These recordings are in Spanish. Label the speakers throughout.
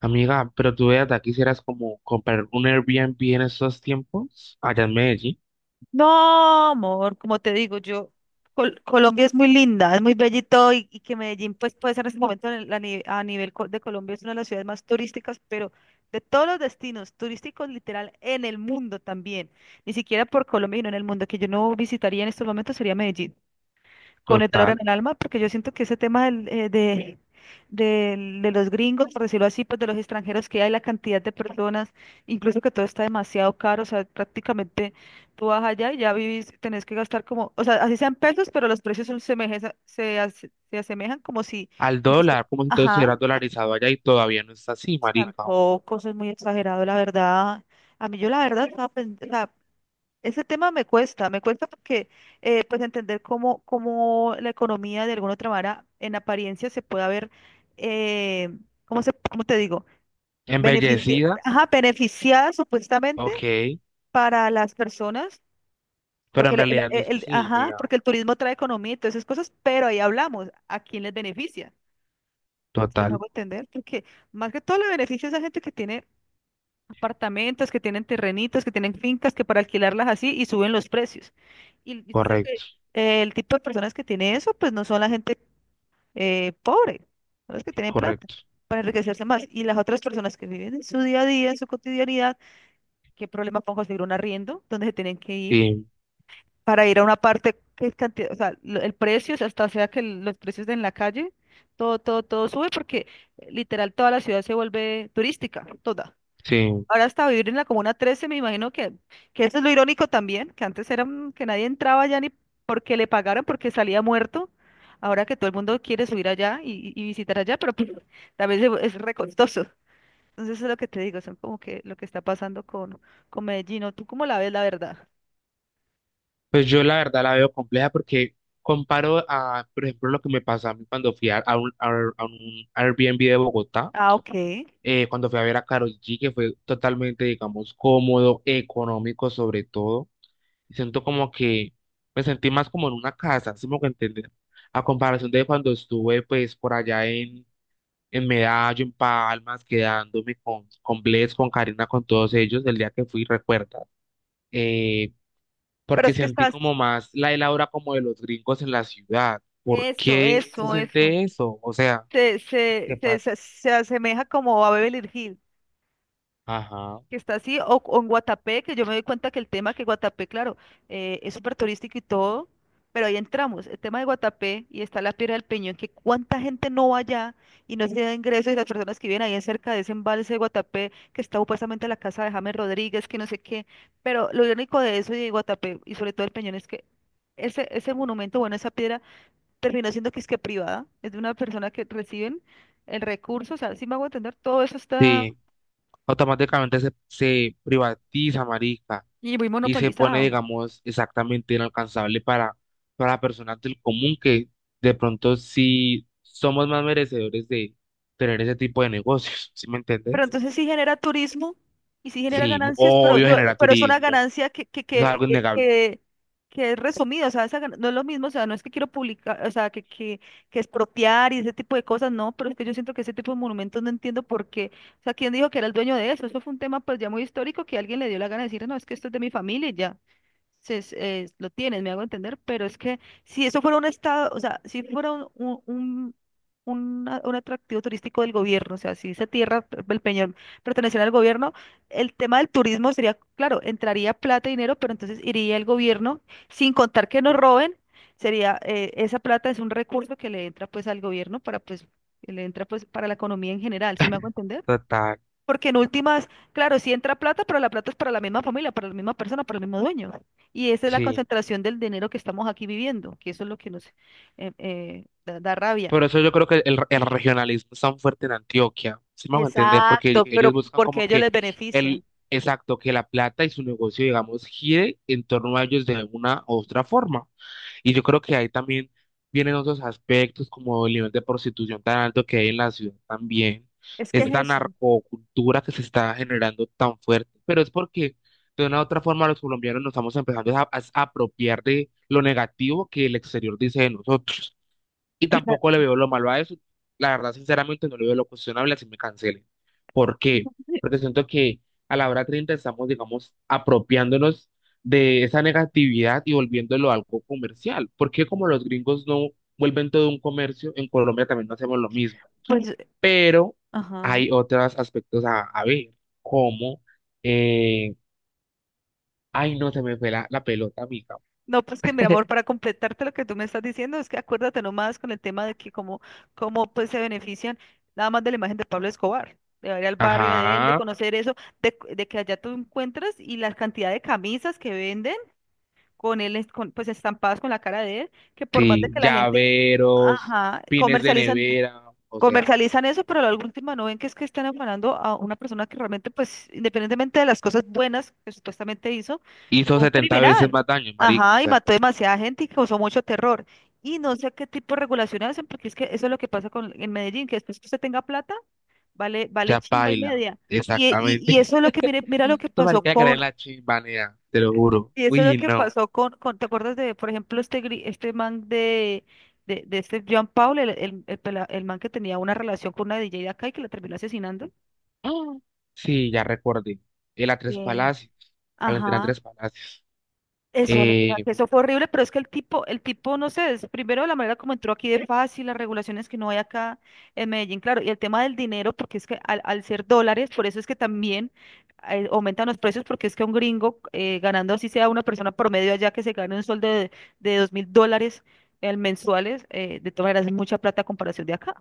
Speaker 1: Amiga, pero tú veas, de aquí quisieras como comprar un Airbnb en estos tiempos, allá en Medellín,
Speaker 2: No, amor, como te digo, yo, Colombia es muy linda, es muy bella y todo, y que Medellín pues puede ser en este momento en el- a, ni- a nivel co- de Colombia es una de las ciudades más turísticas, pero de todos los destinos turísticos literal en el mundo también, ni siquiera por Colombia, sino en el mundo, que yo no visitaría en estos momentos sería Medellín con el dolor en
Speaker 1: total,
Speaker 2: el alma, porque yo siento que ese tema de los gringos, por decirlo así, pues de los extranjeros que hay, la cantidad de personas, incluso que todo está demasiado caro. O sea, prácticamente tú vas allá y ya vivís, tenés que gastar como, o sea, así sean pesos, pero los precios son se asemejan como si,
Speaker 1: al dólar, como si todo
Speaker 2: ajá,
Speaker 1: estuviera dolarizado allá y todavía no está así, marica.
Speaker 2: tampoco, eso es muy exagerado, la verdad. A mí yo la verdad, estaba o sea, ese tema me cuesta porque pues entender cómo la economía de alguna otra manera en apariencia se puede ver. eh, cómo te digo? Benefici-
Speaker 1: Embellecida,
Speaker 2: ajá, beneficiada supuestamente
Speaker 1: ok,
Speaker 2: para las personas,
Speaker 1: pero
Speaker 2: porque
Speaker 1: en realidad no es
Speaker 2: el-
Speaker 1: así,
Speaker 2: ajá,
Speaker 1: nega.
Speaker 2: porque el turismo trae economía y todas esas cosas, pero ahí hablamos, ¿a quién les beneficia? Si no
Speaker 1: Total,
Speaker 2: hago entender, porque más que todo le beneficia a esa gente que tiene apartamentos, que tienen terrenitos, que tienen fincas, que para alquilarlas así y suben los precios. Y usted sabe
Speaker 1: correcto,
Speaker 2: que el tipo de personas que tiene eso, pues no son la gente pobre, son las que tienen plata
Speaker 1: correcto.
Speaker 2: para enriquecerse más. Y las otras personas que viven en su día a día, en su cotidianidad, ¿qué problema pongo conseguir un arriendo donde se tienen que ir
Speaker 1: Sí,
Speaker 2: para ir a una parte que es cantidad? O sea, el precio, o sea, hasta sea que los precios en la calle, todo, todo, todo sube porque literal toda la ciudad se vuelve turística, toda.
Speaker 1: sí.
Speaker 2: Ahora hasta vivir en la Comuna 13, me imagino que eso es lo irónico también, que antes era que nadie entraba allá ni porque le pagaran, porque salía muerto. Ahora que todo el mundo quiere subir allá y visitar allá, pero pues, también es re costoso. Entonces eso es lo que te digo, son como que lo que está pasando con Medellín. ¿O ¿Tú cómo la ves, la verdad?
Speaker 1: Pues yo la verdad la veo compleja porque comparo a, por ejemplo, lo que me pasó a mí cuando fui a un Airbnb de Bogotá.
Speaker 2: Ah, ok.
Speaker 1: Cuando fui a ver a Karol G, que fue totalmente, digamos, cómodo, económico sobre todo. Y siento como que me sentí más como en una casa, si me que entender. A comparación de cuando estuve, pues, por allá en Medallo, en Palmas, quedándome con Bless, con Karina, con todos ellos, el día que fui, recuerda. Eh,
Speaker 2: Pero
Speaker 1: Porque
Speaker 2: es que
Speaker 1: sentí
Speaker 2: estás...
Speaker 1: como más la el aura como de los gringos en la ciudad. ¿Por
Speaker 2: Eso,
Speaker 1: qué se
Speaker 2: eso, eso.
Speaker 1: siente eso? O sea,
Speaker 2: Se,
Speaker 1: ¿qué
Speaker 2: se, se,
Speaker 1: pasa?
Speaker 2: se, se asemeja como a Beverly Hills,
Speaker 1: Ajá.
Speaker 2: que está así, o en Guatapé, que yo me doy cuenta que el tema que Guatapé, claro, es súper turístico y todo, pero ahí entramos, el tema de Guatapé y está la Piedra del Peñón, que cuánta gente no va allá y no se da ingresos y las personas que viven ahí en cerca de ese embalse de Guatapé, que está supuestamente la casa de James Rodríguez, que no sé qué, pero lo único de eso y de Guatapé y sobre todo el Peñón es que ese monumento, bueno, esa piedra terminó siendo que es que privada, es de una persona que reciben el recurso, o sea, si me hago entender, todo eso está
Speaker 1: Sí. Automáticamente se privatiza, marica,
Speaker 2: y muy
Speaker 1: y se pone,
Speaker 2: monopolizado.
Speaker 1: digamos, exactamente inalcanzable para personas del común que de pronto sí somos más merecedores de tener ese tipo de negocios, ¿sí me
Speaker 2: Pero
Speaker 1: entiendes?
Speaker 2: entonces sí genera turismo y sí genera
Speaker 1: Sí, mu-
Speaker 2: ganancias, pero,
Speaker 1: obvio
Speaker 2: no,
Speaker 1: genera
Speaker 2: pero es una
Speaker 1: turismo,
Speaker 2: ganancia que, que,
Speaker 1: eso es
Speaker 2: que,
Speaker 1: algo
Speaker 2: que,
Speaker 1: innegable.
Speaker 2: que- que es resumida. O sea, no es lo mismo, o sea, no es que quiero publicar, o sea, que expropiar y ese tipo de cosas, no, pero es que yo siento que ese tipo de monumentos no entiendo por qué, o sea, ¿quién dijo que era el dueño de eso? Eso fue un tema pues ya muy histórico que alguien le dio la gana de decir, no, es que esto es de mi familia y ya lo tienes, me hago entender, pero es que si eso fuera un estado, o sea, si fuera un, un, un atractivo turístico del gobierno, o sea, si esa tierra, el Peñol, perteneciera al gobierno, el tema del turismo sería, claro, entraría plata y dinero, pero entonces iría el gobierno, sin contar que nos roben, sería, esa plata es un recurso que le entra pues al gobierno para pues, que le entra pues para la economía en general, ¿sí me hago entender?
Speaker 1: Total,
Speaker 2: Porque en últimas, claro, sí entra plata, pero la plata es para la misma familia, para la misma persona, para el mismo dueño. Y esa es la
Speaker 1: sí.
Speaker 2: concentración del dinero que estamos aquí viviendo, que eso es lo que nos da rabia.
Speaker 1: Por eso yo creo que el regionalismo es tan fuerte en Antioquia. Sí me a entender,
Speaker 2: Exacto,
Speaker 1: porque
Speaker 2: sí, pero
Speaker 1: ellos
Speaker 2: sí,
Speaker 1: buscan
Speaker 2: porque a
Speaker 1: como
Speaker 2: ellos les
Speaker 1: que
Speaker 2: beneficia.
Speaker 1: el exacto, que la plata y su negocio, digamos, gire en torno a ellos de una u otra forma. Y yo creo que ahí también vienen otros aspectos como el nivel de prostitución tan alto que hay en la ciudad también.
Speaker 2: Es que es
Speaker 1: Esta
Speaker 2: eso.
Speaker 1: narcocultura que se está generando tan fuerte, pero es porque de una u otra forma los colombianos nos estamos empezando a apropiar de lo negativo que el exterior dice de nosotros. Y tampoco le
Speaker 2: Exacto.
Speaker 1: veo lo malo a eso. La verdad, sinceramente, no le veo lo cuestionable así me cancelen. ¿Por qué? Porque siento que a la hora 30 estamos, digamos, apropiándonos de esa negatividad y volviéndolo algo comercial. Porque como los gringos no vuelven todo un comercio, en Colombia también no hacemos lo mismo.
Speaker 2: Pues,
Speaker 1: Pero
Speaker 2: ajá.
Speaker 1: hay otros aspectos a ver, como, eh, ay, no, se me fue la pelota, amiga.
Speaker 2: No, pues que mi amor, para completarte lo que tú me estás diciendo, es que acuérdate nomás con el tema de que cómo, pues se benefician nada más de la imagen de Pablo Escobar, de ir al barrio de él, de
Speaker 1: Ajá,
Speaker 2: conocer eso, de que allá tú encuentras y la cantidad de camisas que venden con él, pues estampadas con la cara de él, que por más de
Speaker 1: sí,
Speaker 2: que la gente,
Speaker 1: llaveros,
Speaker 2: ajá,
Speaker 1: pines de
Speaker 2: comercializan.
Speaker 1: nevera. O sea,
Speaker 2: Comercializan eso, pero a la última no ven que es que están afanando a una persona que realmente, pues, independientemente de las cosas buenas que supuestamente hizo,
Speaker 1: hizo
Speaker 2: fue un
Speaker 1: 70 veces
Speaker 2: criminal.
Speaker 1: más daño, marica. O
Speaker 2: Ajá, y
Speaker 1: sea,
Speaker 2: mató demasiada gente y causó mucho terror. Y no sé qué tipo de regulaciones hacen, porque es que eso es lo que pasa en Medellín, que después que usted tenga plata, vale, vale
Speaker 1: ya
Speaker 2: chimba y
Speaker 1: paila.
Speaker 2: media. Y
Speaker 1: Exactamente.
Speaker 2: eso es lo que, mire, mira lo que
Speaker 1: No,
Speaker 2: pasó
Speaker 1: marica, que le den la chimbanea, te lo juro.
Speaker 2: y eso es lo
Speaker 1: Uy,
Speaker 2: que
Speaker 1: no.
Speaker 2: pasó ¿te acuerdas de, por ejemplo, este man de, de este John Paul, el man que tenía una relación con una DJ de acá y que la terminó asesinando?
Speaker 1: Ah, sí, ya recordé. El a tres
Speaker 2: Sí.
Speaker 1: palacios. Valentina
Speaker 2: Ajá.
Speaker 1: tres palacios.
Speaker 2: Eso, Valentina,
Speaker 1: Eh,
Speaker 2: que eso fue horrible, pero es que el tipo, no sé, es primero la manera como entró aquí de fácil, las regulaciones que no hay acá en Medellín, claro, y el tema del dinero, porque es que al ser dólares, por eso es que también aumentan los precios, porque es que un gringo ganando así sea una persona promedio allá que se gane un sueldo de $2.000 mensuales, de todas maneras es mucha plata a comparación de acá.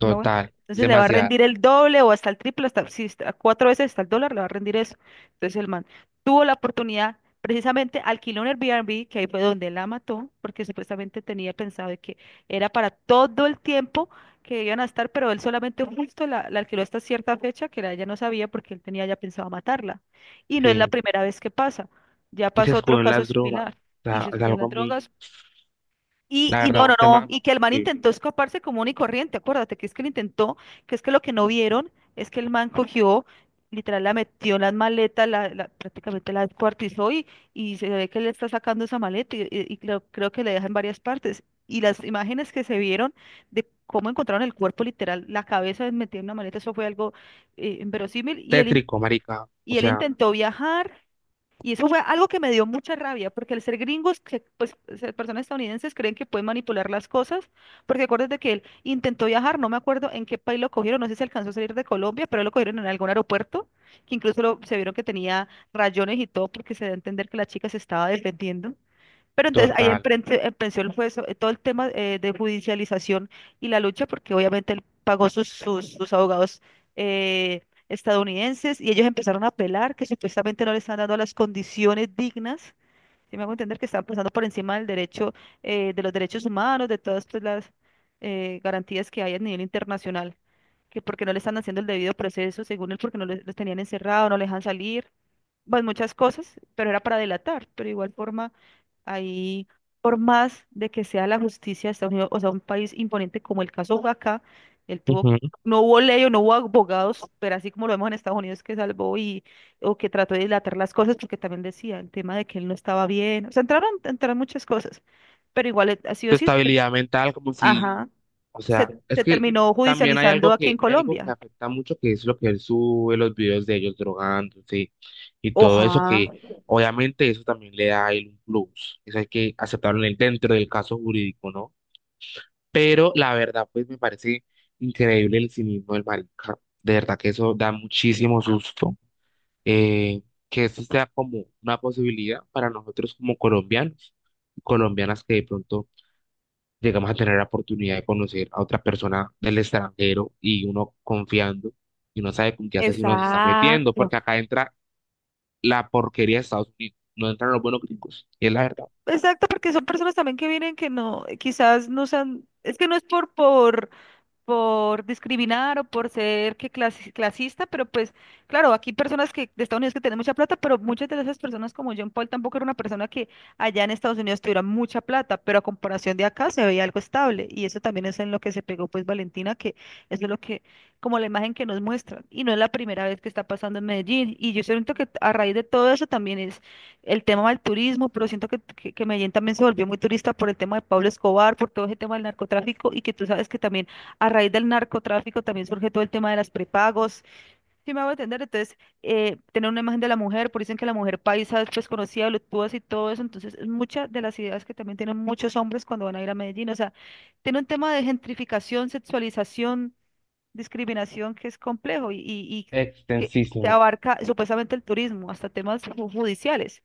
Speaker 2: ¿Sí me hago entender?
Speaker 1: Es
Speaker 2: Entonces le va a
Speaker 1: demasiado.
Speaker 2: rendir el doble o hasta el triple, hasta, sí, hasta cuatro veces hasta el dólar le va a rendir eso. Entonces el man tuvo la oportunidad, precisamente alquiló un Airbnb, que ahí fue donde la mató, porque supuestamente tenía pensado de que era para todo el tiempo que iban a estar, pero él solamente justo la alquiló hasta cierta fecha, que ella no sabía porque él tenía ya pensado matarla. Y no es la
Speaker 1: Sí.
Speaker 2: primera vez que pasa, ya
Speaker 1: Y se
Speaker 2: pasó otro
Speaker 1: escudó en
Speaker 2: caso
Speaker 1: las drogas.
Speaker 2: similar.
Speaker 1: O
Speaker 2: Y
Speaker 1: sea,
Speaker 2: se
Speaker 1: es
Speaker 2: estuvo en las
Speaker 1: algo muy,
Speaker 2: drogas, y,
Speaker 1: la
Speaker 2: y no,
Speaker 1: verdad,
Speaker 2: no,
Speaker 1: un
Speaker 2: no,
Speaker 1: tema muy
Speaker 2: y que el man
Speaker 1: sensible.
Speaker 2: intentó escaparse común y corriente, acuérdate que es que lo intentó, que es que lo que no vieron es que el man cogió, literal la metió en las maletas, prácticamente la descuartizó y se ve que le está sacando esa maleta y, y creo que le deja en varias partes. Y las imágenes que se vieron de cómo encontraron el cuerpo literal, la cabeza metida en una maleta, eso fue algo inverosímil y él, in-
Speaker 1: Tétrico, marica. O
Speaker 2: y él
Speaker 1: sea,
Speaker 2: intentó viajar. Y eso fue algo que me dio mucha rabia, porque al ser gringos, que, pues ser personas estadounidenses creen que pueden manipular las cosas, porque acuérdate que él intentó viajar, no me acuerdo en qué país lo cogieron, no sé si alcanzó a salir de Colombia, pero lo cogieron en algún aeropuerto, que incluso se vieron que tenía rayones y todo, porque se da a entender que la chica se estaba defendiendo. Pero entonces ahí
Speaker 1: total.
Speaker 2: empezó el juez, todo el tema de judicialización y la lucha, porque obviamente él pagó sus abogados eh, estadounidenses y ellos empezaron a apelar que supuestamente no le están dando las condiciones dignas. Si me hago entender que están pasando por encima del derecho, de los derechos humanos, de todas pues, las garantías que hay a nivel internacional, que porque no le están haciendo el debido proceso, según él, porque no les- los tenían encerrado, no les dejan salir pues muchas cosas, pero era para delatar, pero igual forma, ahí, por más de que sea la justicia de Estados Unidos, o sea, un país imponente como el caso de acá, él tuvo,
Speaker 1: Ujú.
Speaker 2: no hubo ley o no hubo abogados, pero así como lo vemos en Estados Unidos que salvó y, o que trató de dilatar las cosas, porque también decía el tema de que él no estaba bien, o sea, entraron muchas cosas, pero igual, así o
Speaker 1: Tu
Speaker 2: sí,
Speaker 1: estabilidad mental, como si.
Speaker 2: ajá,
Speaker 1: O sea,
Speaker 2: se,
Speaker 1: es
Speaker 2: se
Speaker 1: que
Speaker 2: terminó
Speaker 1: también
Speaker 2: judicializando aquí en
Speaker 1: hay algo que
Speaker 2: Colombia.
Speaker 1: afecta mucho, que es lo que él sube, los videos de ellos drogándose y todo eso,
Speaker 2: Oja,
Speaker 1: que obviamente eso también le da a él un plus. Eso hay que aceptarlo en el- dentro del caso jurídico, ¿no? Pero la verdad, pues me parece increíble el cinismo del marica. De verdad que eso da muchísimo susto. Eh, que eso sea como una posibilidad para nosotros como colombianos, colombianas que de pronto llegamos a tener la oportunidad de conocer a otra persona del extranjero y uno confiando y uno sabe con qué asesino se está metiendo,
Speaker 2: exacto.
Speaker 1: porque acá entra la porquería de Estados Unidos, no entran los buenos gringos, y es la verdad.
Speaker 2: Exacto, porque son personas también que vienen que no, quizás no sean, es que no es por discriminar o por ser que clasista, pero pues claro, aquí personas que de Estados Unidos que tienen mucha plata, pero muchas de esas personas como John Paul tampoco era una persona que allá en Estados Unidos tuviera mucha plata, pero a comparación de acá se veía algo estable y eso también es en lo que se pegó pues Valentina, que eso es lo que como la imagen que nos muestra y no es la primera vez que está pasando en Medellín y yo siento que a raíz de todo eso también es el tema del turismo, pero siento que Medellín también se volvió muy turista por el tema de Pablo Escobar, por todo ese tema del narcotráfico y que tú sabes que también a raíz del narcotráfico también surge todo el tema de las prepagos. Si me hago entender, entonces, tener una imagen de la mujer, por dicen que la mujer paisa es desconocida, voluptuosa y todo eso. Entonces, es muchas de las ideas que también tienen muchos hombres cuando van a ir a Medellín. O sea, tiene un tema de gentrificación, sexualización discriminación que es complejo y que, que
Speaker 1: Extensísimo,
Speaker 2: abarca supuestamente el turismo, hasta temas judiciales.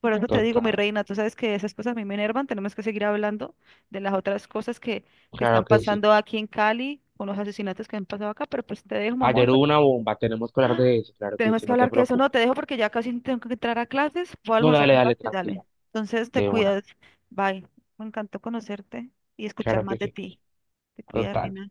Speaker 2: Por eso te digo, mi
Speaker 1: total,
Speaker 2: reina, tú sabes que esas cosas a mí me enervan, tenemos que seguir hablando de las otras cosas que están
Speaker 1: claro que sí.
Speaker 2: pasando aquí en Cali, con los asesinatos que han pasado acá, pero pues te dejo, mi amor.
Speaker 1: Ayer hubo una bomba, tenemos que hablar
Speaker 2: ¡Ah!
Speaker 1: de eso, claro que
Speaker 2: Tenemos
Speaker 1: sí,
Speaker 2: que
Speaker 1: no te
Speaker 2: hablar que eso no,
Speaker 1: preocupes.
Speaker 2: te dejo porque ya casi tengo que entrar a clases, voy a
Speaker 1: No,
Speaker 2: almorzar
Speaker 1: dale,
Speaker 2: un
Speaker 1: dale,
Speaker 2: rato y
Speaker 1: tranquila,
Speaker 2: dale. Entonces te
Speaker 1: de una,
Speaker 2: cuidas, bye. Me encantó conocerte y escuchar
Speaker 1: claro
Speaker 2: más
Speaker 1: que
Speaker 2: de
Speaker 1: sí,
Speaker 2: ti. Te cuidas,
Speaker 1: total.
Speaker 2: reina.